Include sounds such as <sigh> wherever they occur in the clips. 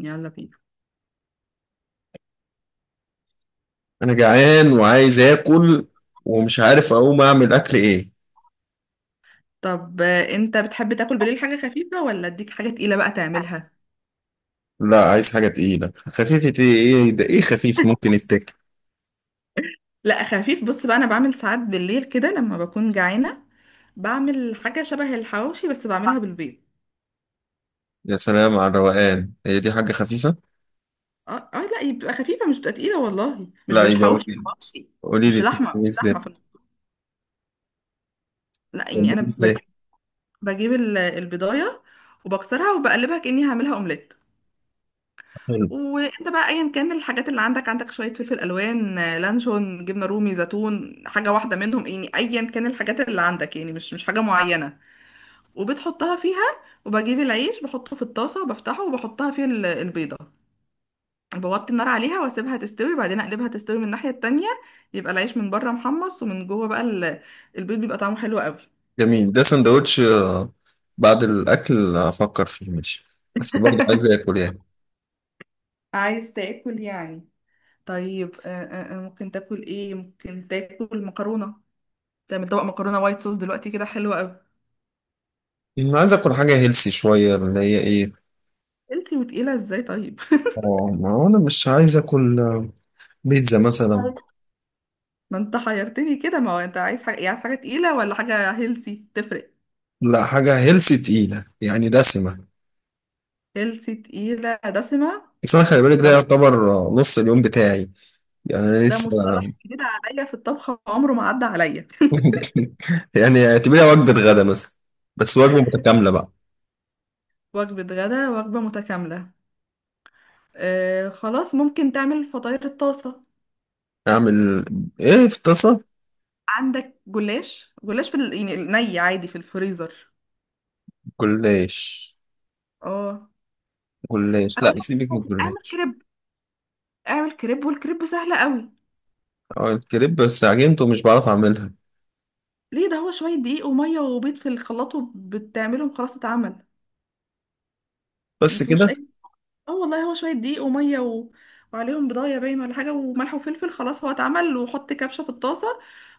يلا بينا. انا جعان وعايز اكل ومش عارف اقوم اعمل اكل ايه. طب انت بتحب تاكل بالليل حاجة خفيفة ولا اديك حاجة تقيلة بقى تعملها؟ لا، عايز حاجه تقيله خفيفه، ايه ده؟ ايه خفيف ممكن يتاكل؟ لا خفيف. بص بقى انا بعمل ساعات بالليل كده لما بكون جعانة، بعمل حاجة شبه الحواوشي بس بعملها بالبيض. يا سلام على الروقان، هي دي حاجه خفيفه؟ اه اه، لا هي بتبقى خفيفة مش بتبقى تقيلة والله. مش لا، مش يبقى قولي حواوشي لي، حواوشي. قولي مش لي لحمة بتعملي مش ازاي؟ لحمة في، لا يعني بتعملي انا ازاي؟ بجيب، البضاية وبكسرها وبقلبها كأني هعملها اومليت. حلو. وانت بقى ايا كان الحاجات اللي عندك عندك شويه فلفل الوان، لانشون، جبنه رومي، زيتون، حاجه واحده منهم يعني ايا كان الحاجات اللي عندك، يعني مش حاجه معينه. وبتحطها فيها وبجيب العيش بحطه في الطاسه وبفتحه وبحطها فيه البيضه. بوطي النار عليها واسيبها تستوي، بعدين اقلبها تستوي من الناحيه التانية. يبقى العيش من بره محمص ومن جوه بقى البيض بيبقى طعمه حلو قوي. جميل، ده سندوتش، بعد الاكل افكر فيه ماشي، بس برضه عايز <laughs> اكل يعني. عايز تاكل يعني؟ طيب ممكن تاكل ايه؟ ممكن تاكل مكرونه، تعمل طبق مكرونه وايت صوص دلوقتي كده حلوه قوي. انا عايز اكل حاجه هيلسي شويه اللي هي ايه؟ هيلثي وتقيله ازاي طيب؟ اه، ما هو انا مش عايز اكل، بيتزا <laughs> مثلا. طيب ما انت حيرتني كده. ما هو انت عايز حاجه إيه، عايز حاجه تقيله ولا حاجه هيلثي؟ تفرق. لا، حاجه هيلسي تقيله يعني دسمه. هيلثي تقيله دسمه؟ بس انا خلي بالك، ده ده يعتبر نص اليوم بتاعي، يعني انا ده لسه. مصطلح جديد عليا في الطبخ، عمره ما عدى عليا. <laughs> <laughs> يعني اعتبريها وجبه غدا مثلا، بس وجبه متكامله بقى. وجبه غدا وجبه متكامله؟ آه خلاص، ممكن تعمل فطاير الطاسه. اعمل ايه في طاسه؟ عندك جلاش؟ جلاش في ال- يعني ني عادي في الفريزر؟ جلاش اه. جلاش؟ اقول لا، لك سيبك من حاجة، اعمل الجلاش. كريب. اعمل كريب والكريب سهله قوي. اه الكريب، بس عجنته مش بعرف اعملها. ليه؟ ده هو شوية دقيق ومية وبيض في الخلاط وبتعملهم خلاص اتعمل. بس مفيهوش كده؟ أي، اه والله هو شوية دقيق ومية و... وعليهم بضاية باين ولا حاجة وملح وفلفل، خلاص هو اتعمل. وحط كبشة في الطاسة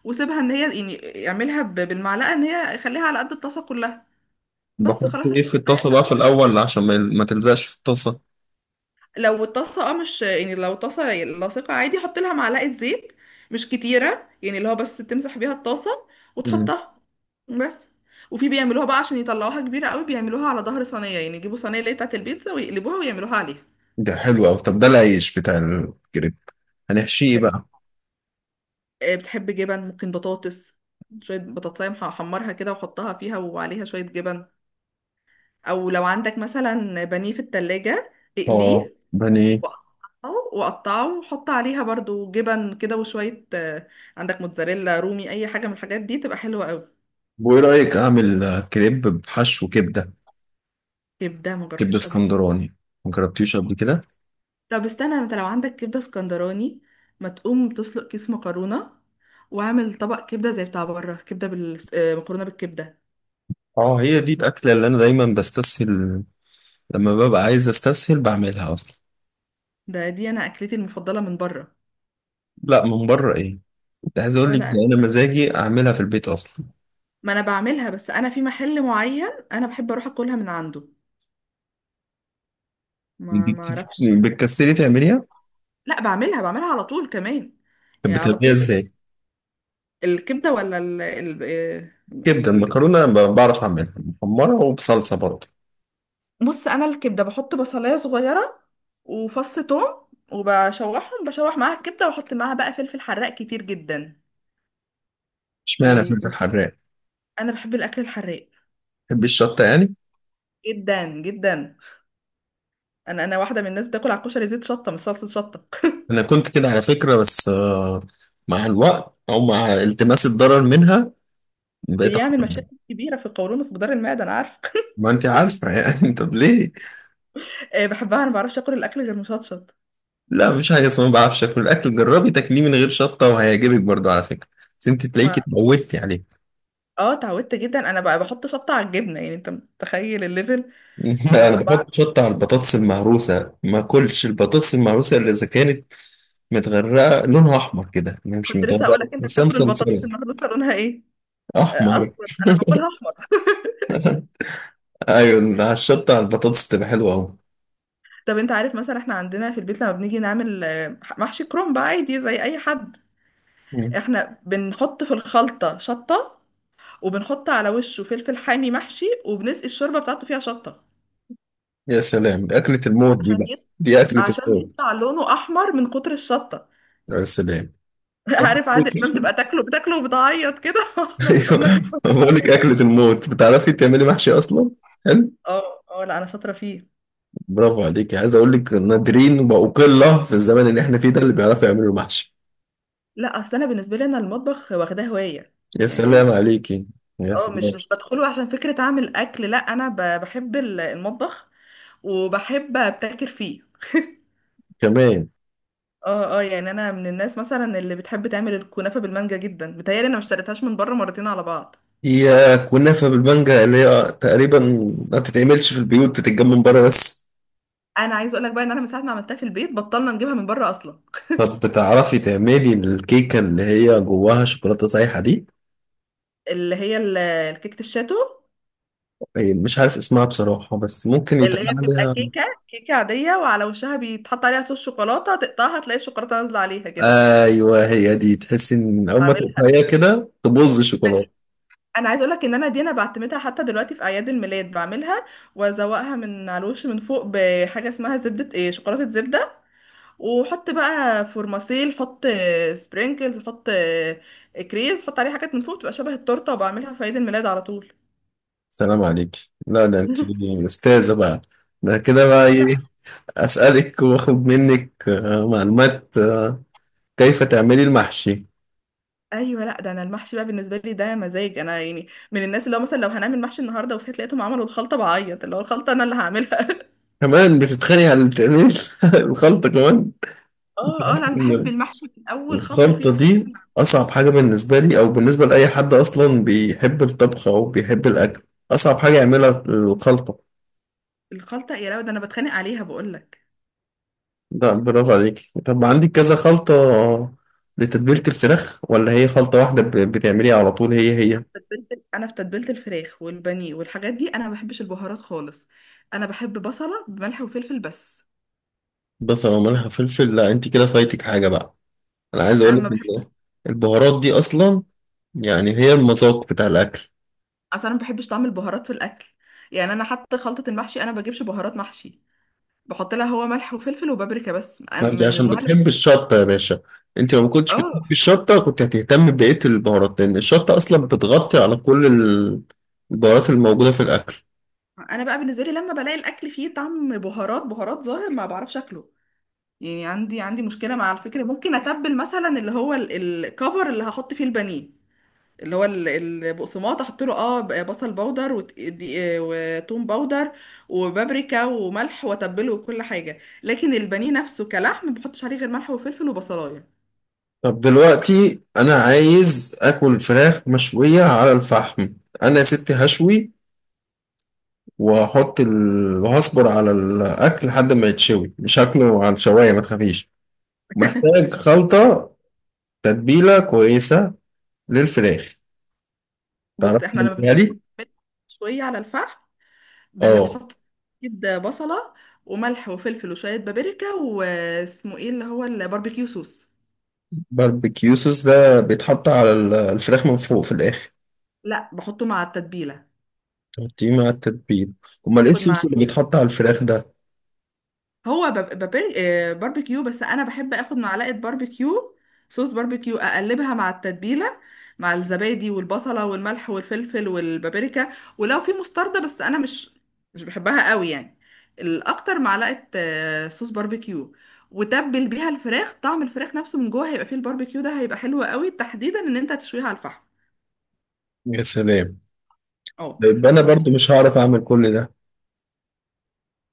وسيبها ان هي، يعني اعملها بالمعلقة ان هي خليها على قد الطاسة كلها. بس بحط خلاص ايه في الكوباية الطاسه بقى في اتعملت. الاول عشان ما تلزقش في الطاسه؟ لو الطاسه اه مش، يعني لو الطاسه لاصقه عادي حط لها معلقه زيت، مش كتيره يعني، اللي هو بس تمسح بيها الطاسه مم. وتحطها. بس. وفي بيعملوها بقى عشان يطلعوها كبيره قوي، بيعملوها على ظهر صينيه، يعني يجيبوا صينيه اللي هي بتاعت البيتزا ويقلبوها ويعملوها عليها. ده حلو أوي، طب ده العيش بتاع الكريب هنحشيه بقى؟ بتحب جبن؟ ممكن بطاطس، شويه بطاطسايه احمرها كده واحطها فيها وعليها شويه جبن. او لو عندك مثلا بانيه في التلاجة اه، اقليه بني. وأقطعه، وأحط عليها برضو جبن كده وشوية، عندك موتزاريلا رومي أي حاجة من الحاجات دي تبقى حلوة أوي. وايه رايك اعمل كريب بحشو كبده؟ كبدة ما كبدة جربتش قبل كده. اسكندراني، مجربتيش قبل كده؟ طب استنى، انت لو عندك كبدة اسكندراني ما تقوم تسلق كيس مكرونة واعمل طبق كبدة زي بتاع بره، كبدة بال... آه، مكرونة بالكبدة. اه، هي دي الأكلة اللي أنا دايما بستسهل، لما ببقى عايز أستسهل بعملها أصلا. ده دي أنا أكلتي المفضلة من بره. لا، من بره إيه؟ أنت عايز أقول اه لك، ده لا، أنا مزاجي أعملها في البيت أصلا. ما أنا بعملها، بس أنا في محل معين أنا بحب أروح أكلها من عنده. ما دي ما أعرفش. بتكسري تعمليها؟ لا بعملها، على طول كمان. طب يعني على بتعمليها طول إزاي؟ الكبدة، ولا ال ال كبدة يعني المكرونة بعرف أعملها محمرة وبصلصة برضه. بص، أنا الكبدة بحط بصلاية صغيرة وفص توم وبشوحهم، بشوح معاها الكبدة وأحط معاها بقى فلفل حراق كتير جدا. اشمعنى فلفل يعني حراق؟ أنا بحب الأكل الحراق بحب الشطة يعني؟ جدا جدا. أنا واحدة من الناس بتاكل على الكشري زيت شطة مش صلصة شطة. أنا كنت كده على فكرة، بس، مع الوقت أو مع التماس الضرر منها بقيت بيعمل أحرم. مشاكل كبيرة في القولون وفي جدار المعدة، أنا عارفة. ما أنت عارفة يعني. <laughs> طب ليه؟ بحبها، أنا ما بعرفش آكل الأكل غير مشطشط. لا، مفيش حاجة اسمها ما بعرفش اكل الاكل، جربي تاكليه من غير شطة وهيعجبك برضو على فكرة، بس انت تلاقيكي ما اتموتي عليه. اه اتعودت جدا. انا بقى بحط شطه على الجبنه، يعني انت متخيل الليفل. <laughs> انا ما بحط شطة على البطاطس المهروسة، ما اكلش البطاطس المهروسة الا اذا كانت متغرقة لونها احمر كده، ما هي مش كنت لسه هقول متغرقة، لك، انت تحسها بتاكل مصلصلة. البطاطس المهروسه لونها ايه؟ احمر. اصفر؟ انا باكلها احمر. <laughs> ايوه، على الشطة على البطاطس تبقى حلوة اهو. طب انت عارف مثلا احنا عندنا في البيت لما بنيجي نعمل، محشي كرنب عادي زي اي حد، مم. احنا بنحط في الخلطه شطه وبنحط على وشه فلفل حامي محشي وبنسقي الشوربه بتاعته فيها شطه. يا سلام، دي اكلة الموت دي عشان بقى، يط... دي اكلة عشان الموت. يطلع لونه احمر من كتر الشطه. يا سلام. <laughs> عارف عادل <laughs> امام تبقى تاكله بتاكله وبتعيط كده؟ <laughs> احنا بنبقى ايوه، بناكله بقول لك اكلة وبنعيط. الموت. بتعرفي تعملي محشي اصلا؟ <laughs> حلو. اه اه لا، انا شاطره فيه. برافو عليك، عايز اقول لك نادرين بقوا، قله في الزمن اللي احنا فيه ده اللي بيعرفوا يعملوا محشي. لا اصل انا بالنسبه لي انا المطبخ واخداه هوايه يا سلام يعني. عليكي، يا اه، سلام. مش بدخله عشان فكرة اعمل اكل، لا انا بحب المطبخ وبحب ابتكر فيه. كمان. اه اه، يعني انا من الناس مثلا اللي بتحب تعمل الكنافة بالمانجا جدا، متهيألي انا ما اشتريتهاش من بره مرتين على بعض. هي كنافه بالمانجا اللي هي تقريبا ما بتتعملش في البيوت، بتتجمع من بره بس. انا عايزه اقول لك بقى ان انا من ساعه ما عملتها في البيت بطلنا نجيبها من بره اصلا. طب بتعرفي تعملي الكيكه اللي هي جواها شوكولاته سايحه دي؟ اللي هي الكيكه الشاتو، إيه، مش عارف اسمها بصراحه، بس ممكن يتقال اللي هي بتبقى عليها. كيكه عاديه وعلى وشها بيتحط عليها صوص شوكولاته، تقطعها تلاقي الشوكولاته نازله عليها كده. ايوه، هي دي، تحسي ان اول ما بعملها. تقطعيها كده تبوظ الشوكولاته. انا عايزه اقولك ان انا دي انا بعتمدها حتى دلوقتي في اعياد الميلاد بعملها، وازوقها من على الوش من فوق بحاجه اسمها زبده، ايه، شوكولاته زبده، وحط بقى فورماسيل، حط سبرينكلز، حط كريز، حط عليه حاجات من فوق تبقى شبه التورته، وبعملها في عيد الميلاد على طول. سلام عليك، لا ده انت <laughs> استاذه بقى. ده كده بقى اه لا. ايه؟ اسالك واخد منك، معلومات، كيف تعملي المحشي. ايوه لا، ده انا المحشي بقى بالنسبه لي ده مزاج انا، يعني من الناس اللي هو مثلا لو هنعمل محشي النهارده وصحيت لقيتهم عملوا الخلطه بعيط، اللي هو الخلطه انا اللي هعملها. <laughs> كمان بتتخانقي على تعملي <laughs> الخلطه كمان؟ اه اه لا، انا بحب المحشي من اول خطوه فيه، الخلطه بحب دي اصعب حاجه بالنسبه لي، او بالنسبه لاي حد اصلا بيحب الطبخ او بيحب الاكل، اصعب حاجه يعملها الخلطه. الخلطه. يا لو ده انا بتخانق عليها، بقول لك. لا، برافو عليك. طب عندك كذا خلطه لتتبيله الفراخ، ولا هي خلطه واحده بتعمليها على طول هي هي؟ تتبيلة، انا في تتبيله الفراخ والبانيه والحاجات دي انا ما بحبش البهارات خالص. انا بحب بصله بملح وفلفل بس. بس لو مالها فلفل، لا انت كده فايتك حاجة بقى. انا عايز انا اقولك ما بحب، ان البهارات دي اصلا، يعني هي المذاق بتاع الاكل. اصلا ما بحبش طعم البهارات في الاكل. يعني انا حتى خلطه المحشي انا ما بجيبش بهارات محشي، بحط لها هو ملح وفلفل وبابريكا بس. أنا ما انت من عشان النوع اللي بتحب الشطة يا باشا، انت لو ما كنتش اه، بتحب الشطة كنت هتهتم ببقية البهارات، لان الشطة اصلا بتغطي على كل البهارات الموجودة في الاكل. انا بقى بالنسبه لي لما بلاقي الاكل فيه طعم بهارات ظاهر ما بعرفش اكله. يعني عندي مشكله مع الفكره. ممكن اتبل مثلا اللي هو الكفر اللي هحط فيه البانيه، اللي هو البقسماط، احط له اه بصل بودر وتوم بودر وبابريكا وملح واتبله وكل حاجه، لكن البانيه نفسه كلحم ما بحطش عليه غير ملح وفلفل وبصلايه. طب دلوقتي انا عايز اكل فراخ مشوية على الفحم. انا يا ستي هشوي وهحط وهصبر على الاكل لحد ما يتشوي، مش هاكله على الشواية ما تخافيش. محتاج خلطة تتبيلة كويسة للفراخ، بص تعرف احنا لما بنعمل تعملها لي؟ شويه على الفحم اه. بنحط كده بصله وملح وفلفل وشويه بابريكا واسمه ايه اللي هو الباربيكيو صوص. باربيكيو صوص ده بيتحط على الفراخ من فوق في الآخر؟ لا بحطه مع التتبيله. تحطيه مع التتبيل؟ أمال إيه باخد الصوص مع، اللي بيتحط على الفراخ ده؟ هو بب- ببر- آه، باربيكيو، بس انا بحب اخد معلقه باربيكيو، صوص باربيكيو اقلبها مع التتبيله، مع الزبادي والبصله والملح والفلفل والبابريكا، ولو في مستردة، بس انا مش بحبها قوي يعني. الاكتر معلقه صوص باربيكيو وتبل بيها الفراخ. طعم الفراخ نفسه من جوه هيبقى فيه الباربيكيو ده هيبقى حلو قوي تحديدا ان انت تشويها على الفحم. يا سلام. اه. ده يبقى أنا نص. برضو مش هعرف أعمل كل ده.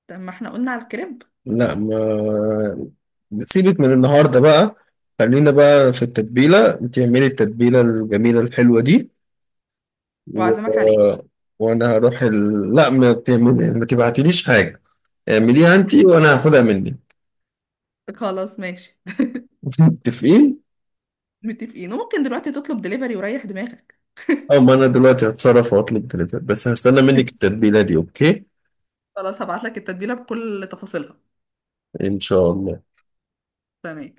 طب ما احنا قلنا على الكريب، لا، ما سيبك من النهاردة بقى، خلينا بقى في التتبيلة، تعملي التتبيلة الجميلة الحلوة دي و... واعزمك عليه. وأنا هروح لا ما تعملي، ما تبعتليش حاجة، اعمليها انت <laughs> وانا هاخدها منك. خلاص ماشي. <laughs> متفقين. متفقين. وممكن دلوقتي تطلب دليفري وريح دماغك. او ما انا دلوقتي هتصرف واطلب دليفري، بس هستنى منك التتبيله دي اوكي. خلاص هبعت لك التتبيلة بكل تفاصيلها. ان شاء الله. تمام.